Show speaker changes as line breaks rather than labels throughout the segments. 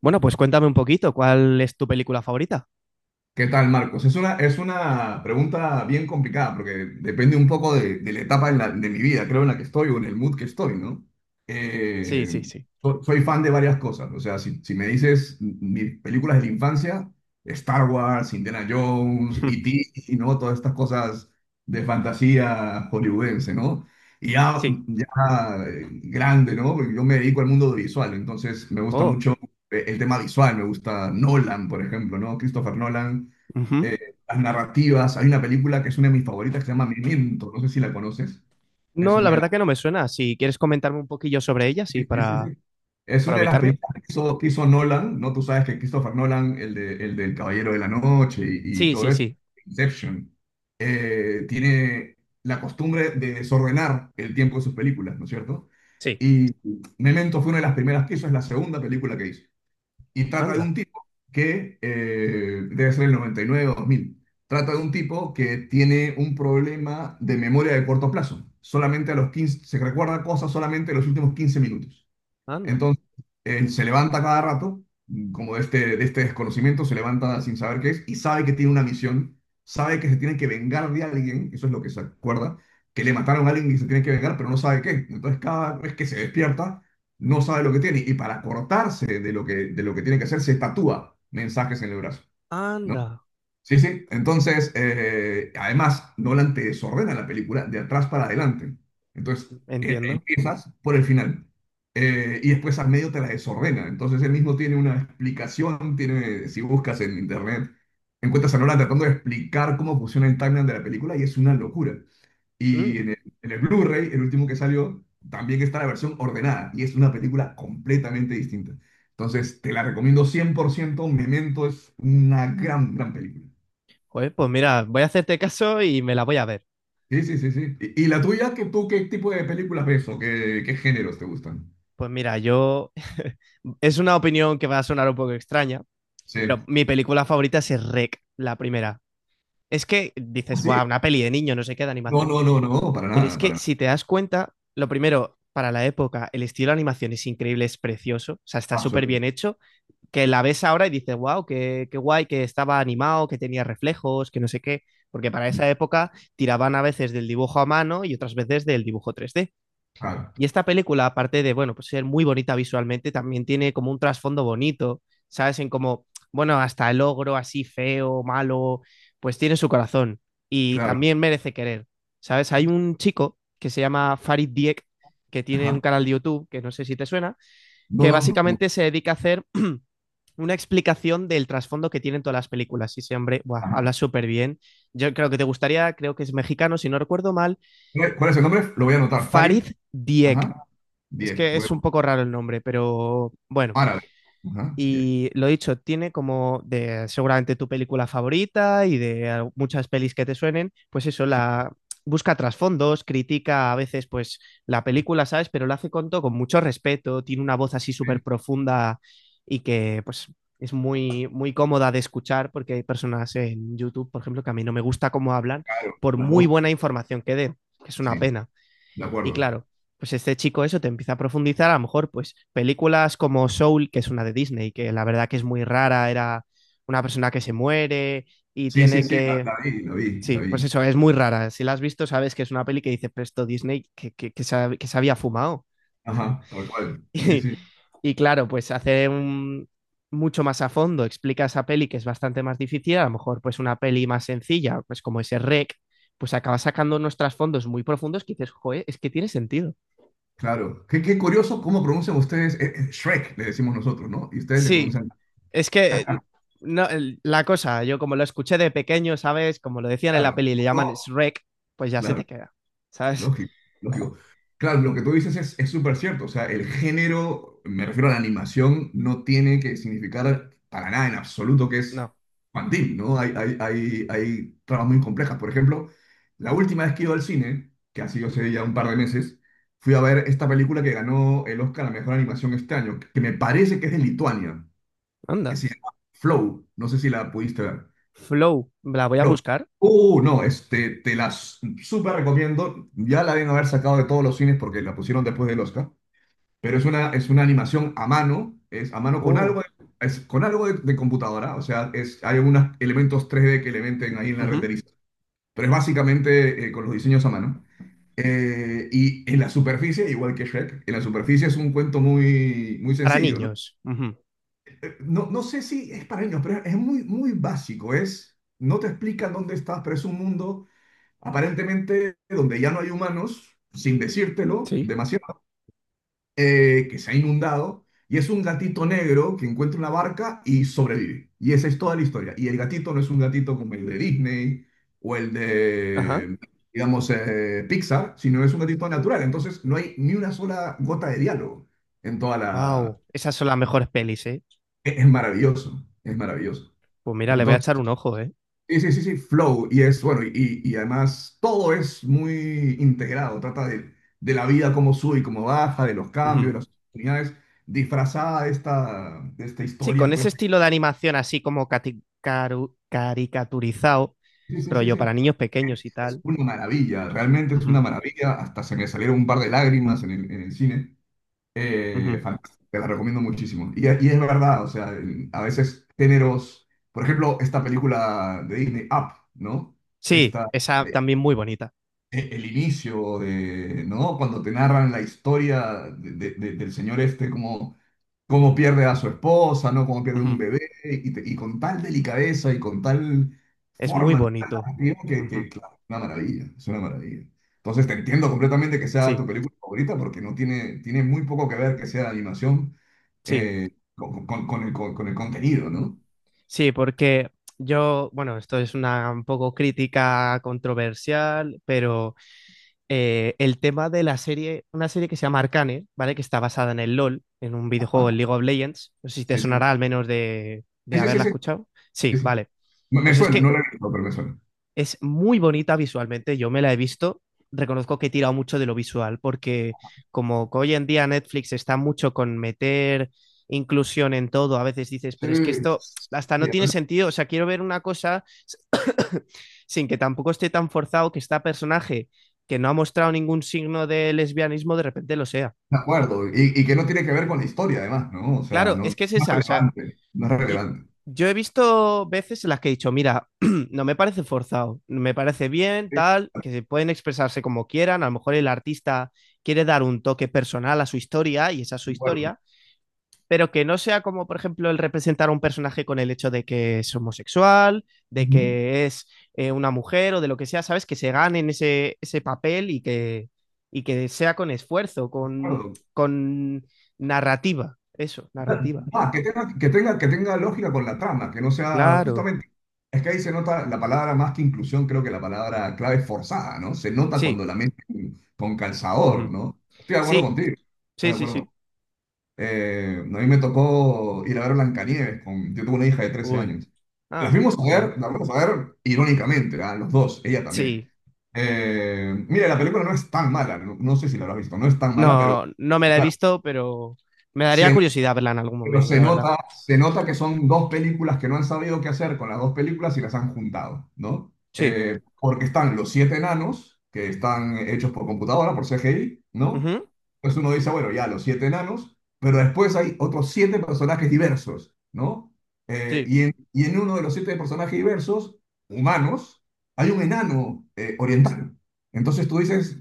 Bueno, pues cuéntame un poquito, ¿cuál es tu película favorita?
¿Qué tal, Marcos? Es una pregunta bien complicada, porque depende un poco de la etapa de mi vida, creo, en la que estoy, o en el mood que estoy, ¿no?
Sí,
Eh,
sí, sí.
Soy fan de varias cosas. O sea, si me dices mis películas de la infancia, Star Wars, Indiana Jones, E.T., y ¿no? Todas estas cosas de fantasía hollywoodense, ¿no? Y ya,
Sí.
ya grande, ¿no? Porque yo me dedico al mundo audiovisual, entonces me gusta
Oh.
mucho el tema visual. Me gusta Nolan, por ejemplo, ¿no? Christopher Nolan,
Ujú.
las narrativas. Hay una película que es una de mis favoritas, que se llama Memento, no sé si la conoces. Es
No, la
una de las,
verdad que no me suena. Si quieres comentarme un poquillo sobre ella, sí,
Sí, sí, sí, sí. Es
para
una de las
ubicarme.
películas que hizo Nolan, ¿no? Tú sabes que Christopher Nolan, el del Caballero de la Noche, y
Sí,
todo
sí,
eso,
sí.
Inception, tiene la costumbre de desordenar el tiempo de sus películas, ¿no es cierto?
Sí.
Y Memento fue una de las primeras que hizo, es la segunda película que hizo. Y trata de
Anda,
un tipo que debe ser el 99 o 2000. Trata de un tipo que tiene un problema de memoria de corto plazo. Solamente a los 15 se recuerda cosas, solamente en los últimos 15 minutos.
anda,
Entonces, él se levanta cada rato, como de este desconocimiento, se levanta sin saber qué es, y sabe que tiene una misión, sabe que se tiene que vengar de alguien. Eso es lo que se acuerda, que le mataron a alguien y se tiene que vengar, pero no sabe qué. Entonces, cada vez que se despierta, no sabe lo que tiene, y para cortarse de lo que tiene que hacer, se tatúa mensajes en el brazo, ¿no?
anda.
Sí, sí. Entonces, además, Nolan te desordena la película de atrás para adelante. Entonces,
Entiendo.
empiezas por el final, y después al medio te la desordena. Entonces, él mismo tiene una explicación, tiene, si buscas en internet, encuentras a Nolan tratando de explicar cómo funciona el timeline de la película, y es una locura.
Mm.
Y en el Blu-ray, el último que salió, también está la versión ordenada, y es una película completamente distinta. Entonces, te la recomiendo 100%. Memento es una gran, gran película.
Joder, pues mira, voy a hacerte caso y me la voy a ver.
Sí, sí, sí, sí. ¿Y la tuya? Tú qué tipo de películas ves, o qué géneros te gustan?
Pues mira, yo... Es una opinión que va a sonar un poco extraña, pero
Sí.
mi película favorita es Rec, la primera. Es que
Ah,
dices,
sí.
wow, una peli de niño, no sé qué, de
No,
animación.
no, no, no, para
Pero es
nada,
que
para nada.
si te das cuenta, lo primero, para la época, el estilo de animación es increíble, es precioso, o sea, está súper bien
Absolutamente.
hecho, que la ves ahora y dices, wow, qué, qué guay, que estaba animado, que tenía reflejos, que no sé qué, porque para esa época tiraban a veces del dibujo a mano y otras veces del dibujo 3D.
Claro,
Y esta película, aparte de, bueno, pues ser muy bonita visualmente, también tiene como un trasfondo bonito, ¿sabes? En como, bueno, hasta el ogro así feo, malo, pues tiene su corazón y
claro.
también merece querer, ¿sabes? Hay un chico que se llama Farid Diek, que tiene un
Ajá.
canal de YouTube, que no sé si te suena,
No,
que
no, no, no.
básicamente se dedica a hacer una explicación del trasfondo que tienen todas las películas. Y ese hombre, buah,
Ajá.
habla súper bien. Yo creo que te gustaría, creo que es mexicano, si no recuerdo mal,
¿Cuál es el nombre? Lo voy a anotar.
Farid
Farid.
Diek.
Ajá.
Es
Diez.
que es un
Huevo.
poco raro el nombre, pero bueno.
Árabe. Ajá. Diez.
Y lo dicho, tiene como de seguramente tu película favorita y de muchas pelis que te suenen, pues eso,
Sí.
la busca trasfondos, critica a veces pues la película, ¿sabes? Pero lo hace con todo, con mucho respeto, tiene una voz así
Sí,
súper profunda y que pues es muy, muy cómoda de escuchar porque hay personas en YouTube, por ejemplo, que a mí no me gusta cómo hablan
claro.
por
Las
muy buena
voces.
información que den, que es una
Sí.
pena.
De
Y
acuerdo.
claro, pues este chico eso te empieza a profundizar, a lo mejor pues películas como Soul, que es una de Disney, que la verdad que es muy rara, era una persona que se muere y
Sí, sí,
tiene
sí.
que...
La vi, la vi, la
Sí,
vi.
pues eso, es muy rara. Si la has visto, sabes que es una peli que dice Presto Disney que se había fumado.
Ajá. Tal cual. Sí,
Y,
sí.
y claro, pues hace un, mucho más a fondo, explica esa peli que es bastante más difícil, a lo mejor pues una peli más sencilla, pues como ese rec, pues acaba sacando unos trasfondos muy profundos que dices, joder, es que tiene sentido.
Claro. Qué curioso cómo pronuncian ustedes. Shrek, le decimos nosotros, ¿no? Y ustedes le
Sí,
pronuncian.
es que no, la cosa, yo como lo escuché de pequeño, ¿sabes? Como lo decían en la
Claro,
peli, le
no,
llaman Shrek, pues ya se te
claro,
queda, ¿sabes?
lógico, lógico. Claro, lo que tú dices es súper cierto. O sea, el género, me refiero a la animación, no tiene que significar para nada en absoluto que es
No.
infantil, ¿no? Hay tramas muy complejas. Por ejemplo, la última vez que iba al cine, que ha sido hace ya un par de meses, fui a ver esta película que ganó el Oscar a mejor animación este año, que me parece que es de Lituania, que
Anda.
se llama Flow. No sé si la pudiste ver.
Flow, la voy a
Flow.
buscar.
No, este, te la súper recomiendo. Ya la deben haber sacado de todos los cines, porque la pusieron después del Oscar. Pero es una animación a mano, es a mano con algo,
Oh.
es con algo de computadora. O sea, es, hay algunos elementos 3D que le meten ahí en la
Ujú.
renderización. Pero es básicamente con los diseños a mano. Y en la superficie, igual que Shrek, en la superficie es un cuento muy, muy
Para
sencillo, ¿no?
niños. Ujú.
No, no sé si es para niños, pero es muy, muy básico. Es, no te explican dónde estás, pero es un mundo aparentemente donde ya no hay humanos, sin decírtelo
Sí.
demasiado, que se ha inundado, y es un gatito negro que encuentra una barca y sobrevive. Y esa es toda la historia. Y el gatito no es un gatito como el de Disney o el
Ajá.
de, digamos, Pixar, sino es un gatito natural. Entonces no hay ni una sola gota de diálogo en toda la...
Wow. Esas son las mejores pelis, ¿eh?
Es maravilloso, es maravilloso.
Pues mira, le voy a
Entonces...
echar un ojo, ¿eh?
Sí, sí, sí, sí, Flow. Y es bueno, y además todo es muy integrado. Trata de la vida, cómo sube y cómo baja, de los cambios,
Ujú.
de las oportunidades, disfrazada de esta
Sí, con
historia.
ese
Pues
estilo de animación así como caricaturizado,
sí, sí, sí,
rollo
sí.
para niños pequeños y
Es
tal.
una maravilla, realmente es
Ujú,
una maravilla. Hasta se me salieron un par de lágrimas en el cine.
ujú.
Fantástico, te la recomiendo muchísimo. Es verdad. O sea, a veces géneros, por ejemplo, esta película de Disney, Up, ¿no?
Sí,
Esta.
esa también muy bonita.
El inicio de, ¿no? Cuando te narran la historia del señor este, como cómo pierde a su esposa, ¿no? Cómo pierde un
Ujú.
bebé, y con tal delicadeza y con tal
Es muy
forma
bonito.
narrativa,
Ujú.
claro, es una maravilla, es una maravilla. Entonces, te entiendo completamente que sea
Sí,
tu película favorita, porque no tiene, tiene muy poco que ver que sea animación,
sí.
con el contenido,
Ujú.
¿no?
Sí, porque yo, bueno, esto es una un poco crítica controversial, pero el tema de la serie, una serie que se llama Arcane, ¿vale? Que está basada en el LOL, en un
Ajá.
videojuego, el League of Legends. No sé si te
Sí, sí,
sonará al menos
sí,
de
sí, sí,
haberla
sí,
escuchado. Sí,
sí, sí.
vale.
Me
Pues es
suena, no
que
lo he visto, pero me suena.
es muy bonita visualmente, yo me la he visto. Reconozco que he tirado mucho de lo visual, porque como que hoy en día Netflix está mucho con meter inclusión en todo, a veces dices,
Sí,
pero es que esto hasta
sí.
no tiene sentido. O sea, quiero ver una cosa sin que tampoco esté tan forzado que este personaje que no ha mostrado ningún signo de lesbianismo de repente lo sea.
De acuerdo, y que no tiene que ver con la historia, además, ¿no? O sea,
Claro,
no,
es
no
que es
es
esa, o sea,
relevante, no es
Yo,
relevante.
yo he visto veces en las que he dicho, mira, no me parece forzado, me parece bien,
Sí,
tal, que se pueden expresarse como quieran, a lo mejor el artista quiere dar un toque personal a su historia y esa es su
de acuerdo.
historia, pero que no sea como, por ejemplo, el representar a un personaje con el hecho de que es homosexual, de
Ujú,
que es una mujer o de lo que sea, ¿sabes? Que se ganen ese, ese papel y que sea con esfuerzo,
de acuerdo.
con narrativa, eso, narrativa.
Ah, que tenga lógica con la trama, que no sea
Claro,
justamente, es que ahí se nota la palabra, más que inclusión, creo que la palabra clave es forzada, ¿no? Se nota cuando
sí.
la meten con calzador,
Ujú.
¿no? Estoy de acuerdo
Sí,
contigo, estoy
sí,
de
sí, sí.
acuerdo. A mí me tocó ir a ver Blancanieves con, yo tuve una hija de trece
Uy.
años. La
Ah,
fuimos a
vale.
ver, la fuimos a ver irónicamente, a los dos, ella también.
Sí.
Mira, la película no es tan mala, no, no sé si la habrás visto, no es tan mala,
No,
pero
no me la he
claro,
visto, pero me daría
se
curiosidad verla en algún
pero
momento, la verdad.
se nota que son dos películas que no han sabido qué hacer con las dos películas, y las han juntado, ¿no?
Sí.
Porque están los siete enanos, que están hechos por computadora, por CGI, ¿no?
Ujú.
Entonces uno dice, bueno, ya los siete enanos, pero después hay otros siete personajes diversos, ¿no?
Sí.
Y en uno de los siete personajes diversos, humanos, hay un enano oriental. Entonces tú dices,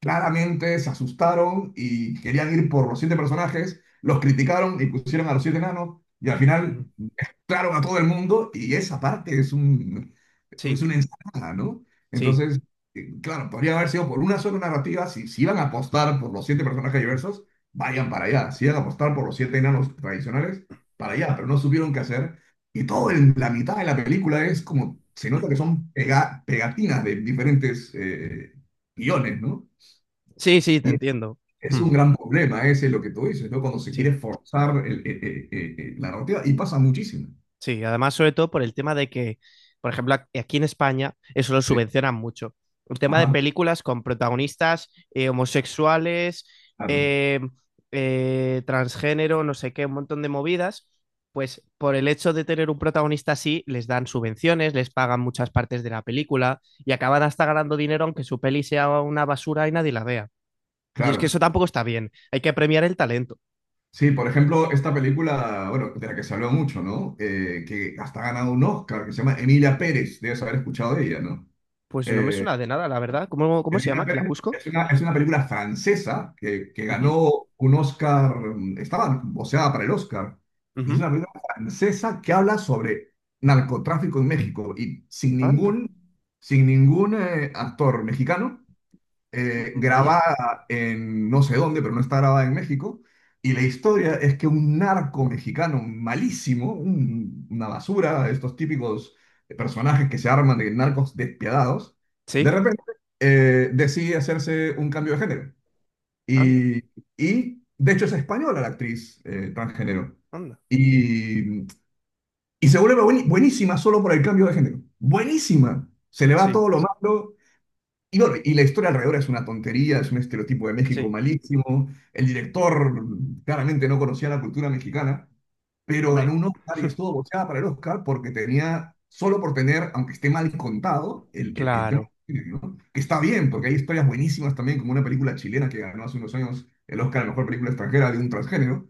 claramente se asustaron y querían ir por los siete personajes, los criticaron y pusieron a los siete enanos, y al
Ujú.
final claro a todo el mundo, y esa parte es un, es
Sí.
una ensalada, ¿no?
Sí.
Entonces, claro, podría haber sido por una sola narrativa. Si iban a apostar por los siete personajes diversos, vayan para allá; si iban a apostar por los siete enanos tradicionales, para allá, pero no supieron qué hacer, y todo en la mitad de la película es como, se nota que son pegatinas de diferentes guiones, ¿no?
Sí, sí, te
Y
entiendo.
es
Hmm.
un gran problema ese lo que tú dices, ¿no? Cuando se
Sí.
quiere forzar la narrativa, y pasa muchísimo.
Sí, además, sobre todo por el tema de que, por ejemplo, aquí en España eso lo
Sí.
subvencionan mucho. El tema de
Ajá,
películas con protagonistas homosexuales,
claro,
eh, transgénero, no sé qué, un montón de movidas, pues por el hecho de tener un protagonista así, les dan subvenciones, les pagan muchas partes de la película y acaban hasta ganando dinero aunque su peli sea una basura y nadie la vea. Y es que eso
claro.
tampoco está bien, hay que premiar el talento.
Sí, por ejemplo, esta película, bueno, de la que se habló mucho, ¿no? Que hasta ha ganado un Oscar, que se llama Emilia Pérez, debes haber escuchado de ella, ¿no?
Pues no me
Eh,
suena de nada, la verdad. ¿Cómo, cómo se
Emilien
llama? ¿Que la
Pérez
busco?
es una película francesa que
Uh -huh,
ganó un Oscar, estaba voceada para el Oscar,
uh
y es
-huh.
una película francesa que habla sobre narcotráfico en México, y sin
Anda.
ningún, sin ningún actor mexicano,
Vaya,
grabada en no sé dónde, pero no está grabada en México. Y la historia es que un narco mexicano malísimo, una basura, estos típicos personajes que se arman de narcos despiadados, de
sí,
repente decide hacerse un cambio de género.
anda,
Y, y de hecho es española la actriz transgénero.
anda,
Y, se vuelve buenísima solo por el cambio de género. Buenísima. Se le va
sí,
todo lo malo, y bueno, y la historia alrededor es una tontería, es un estereotipo de México
sí,
malísimo. El director claramente no conocía la cultura mexicana, pero ganó
hombre,
un Oscar y estuvo boceada para el Oscar porque tenía, solo por tener, aunque esté mal contado, el tema,
claro,
¿no? Que está bien, porque hay historias buenísimas también, como una película chilena que ganó hace unos años el Oscar a la mejor película extranjera, de un transgénero,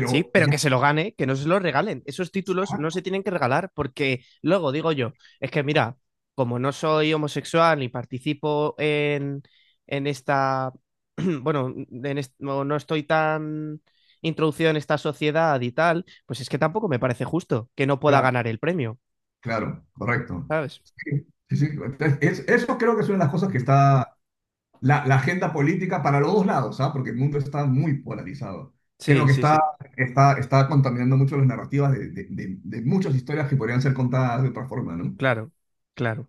sí, pero
ya
que se lo gane, que no se lo regalen. Esos títulos
está,
no se tienen que regalar porque luego digo yo, es que mira, como no soy homosexual ni participo en esta, bueno, en no, no estoy tan introducido en esta sociedad y tal, pues es que tampoco me parece justo que no pueda
claro,
ganar el premio,
claro, correcto.
¿sabes?
Sí, sí, sí. Entonces, eso creo que es una de las cosas que
Ujú.
está, la agenda política para los dos lados, ¿ah? Porque el mundo está muy polarizado. Creo
Sí,
que
sí,
está,
sí,
contaminando mucho las narrativas de muchas historias que podrían ser contadas de otra forma, ¿no?
claro, claro.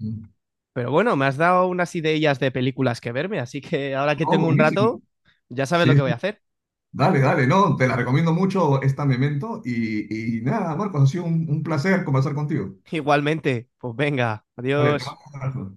Mm.
Pero bueno, me has dado unas ideas de películas que verme, así que ahora que
Oh,
tengo un
buenísimo.
rato, ya sabes lo
Sí,
que voy
sí.
a hacer.
Dale, dale, no, te la recomiendo mucho esta Memento, y nada, Marcos, ha sido un placer conversar contigo.
Igualmente, pues venga,
Vale, te
adiós.
mando un abrazo.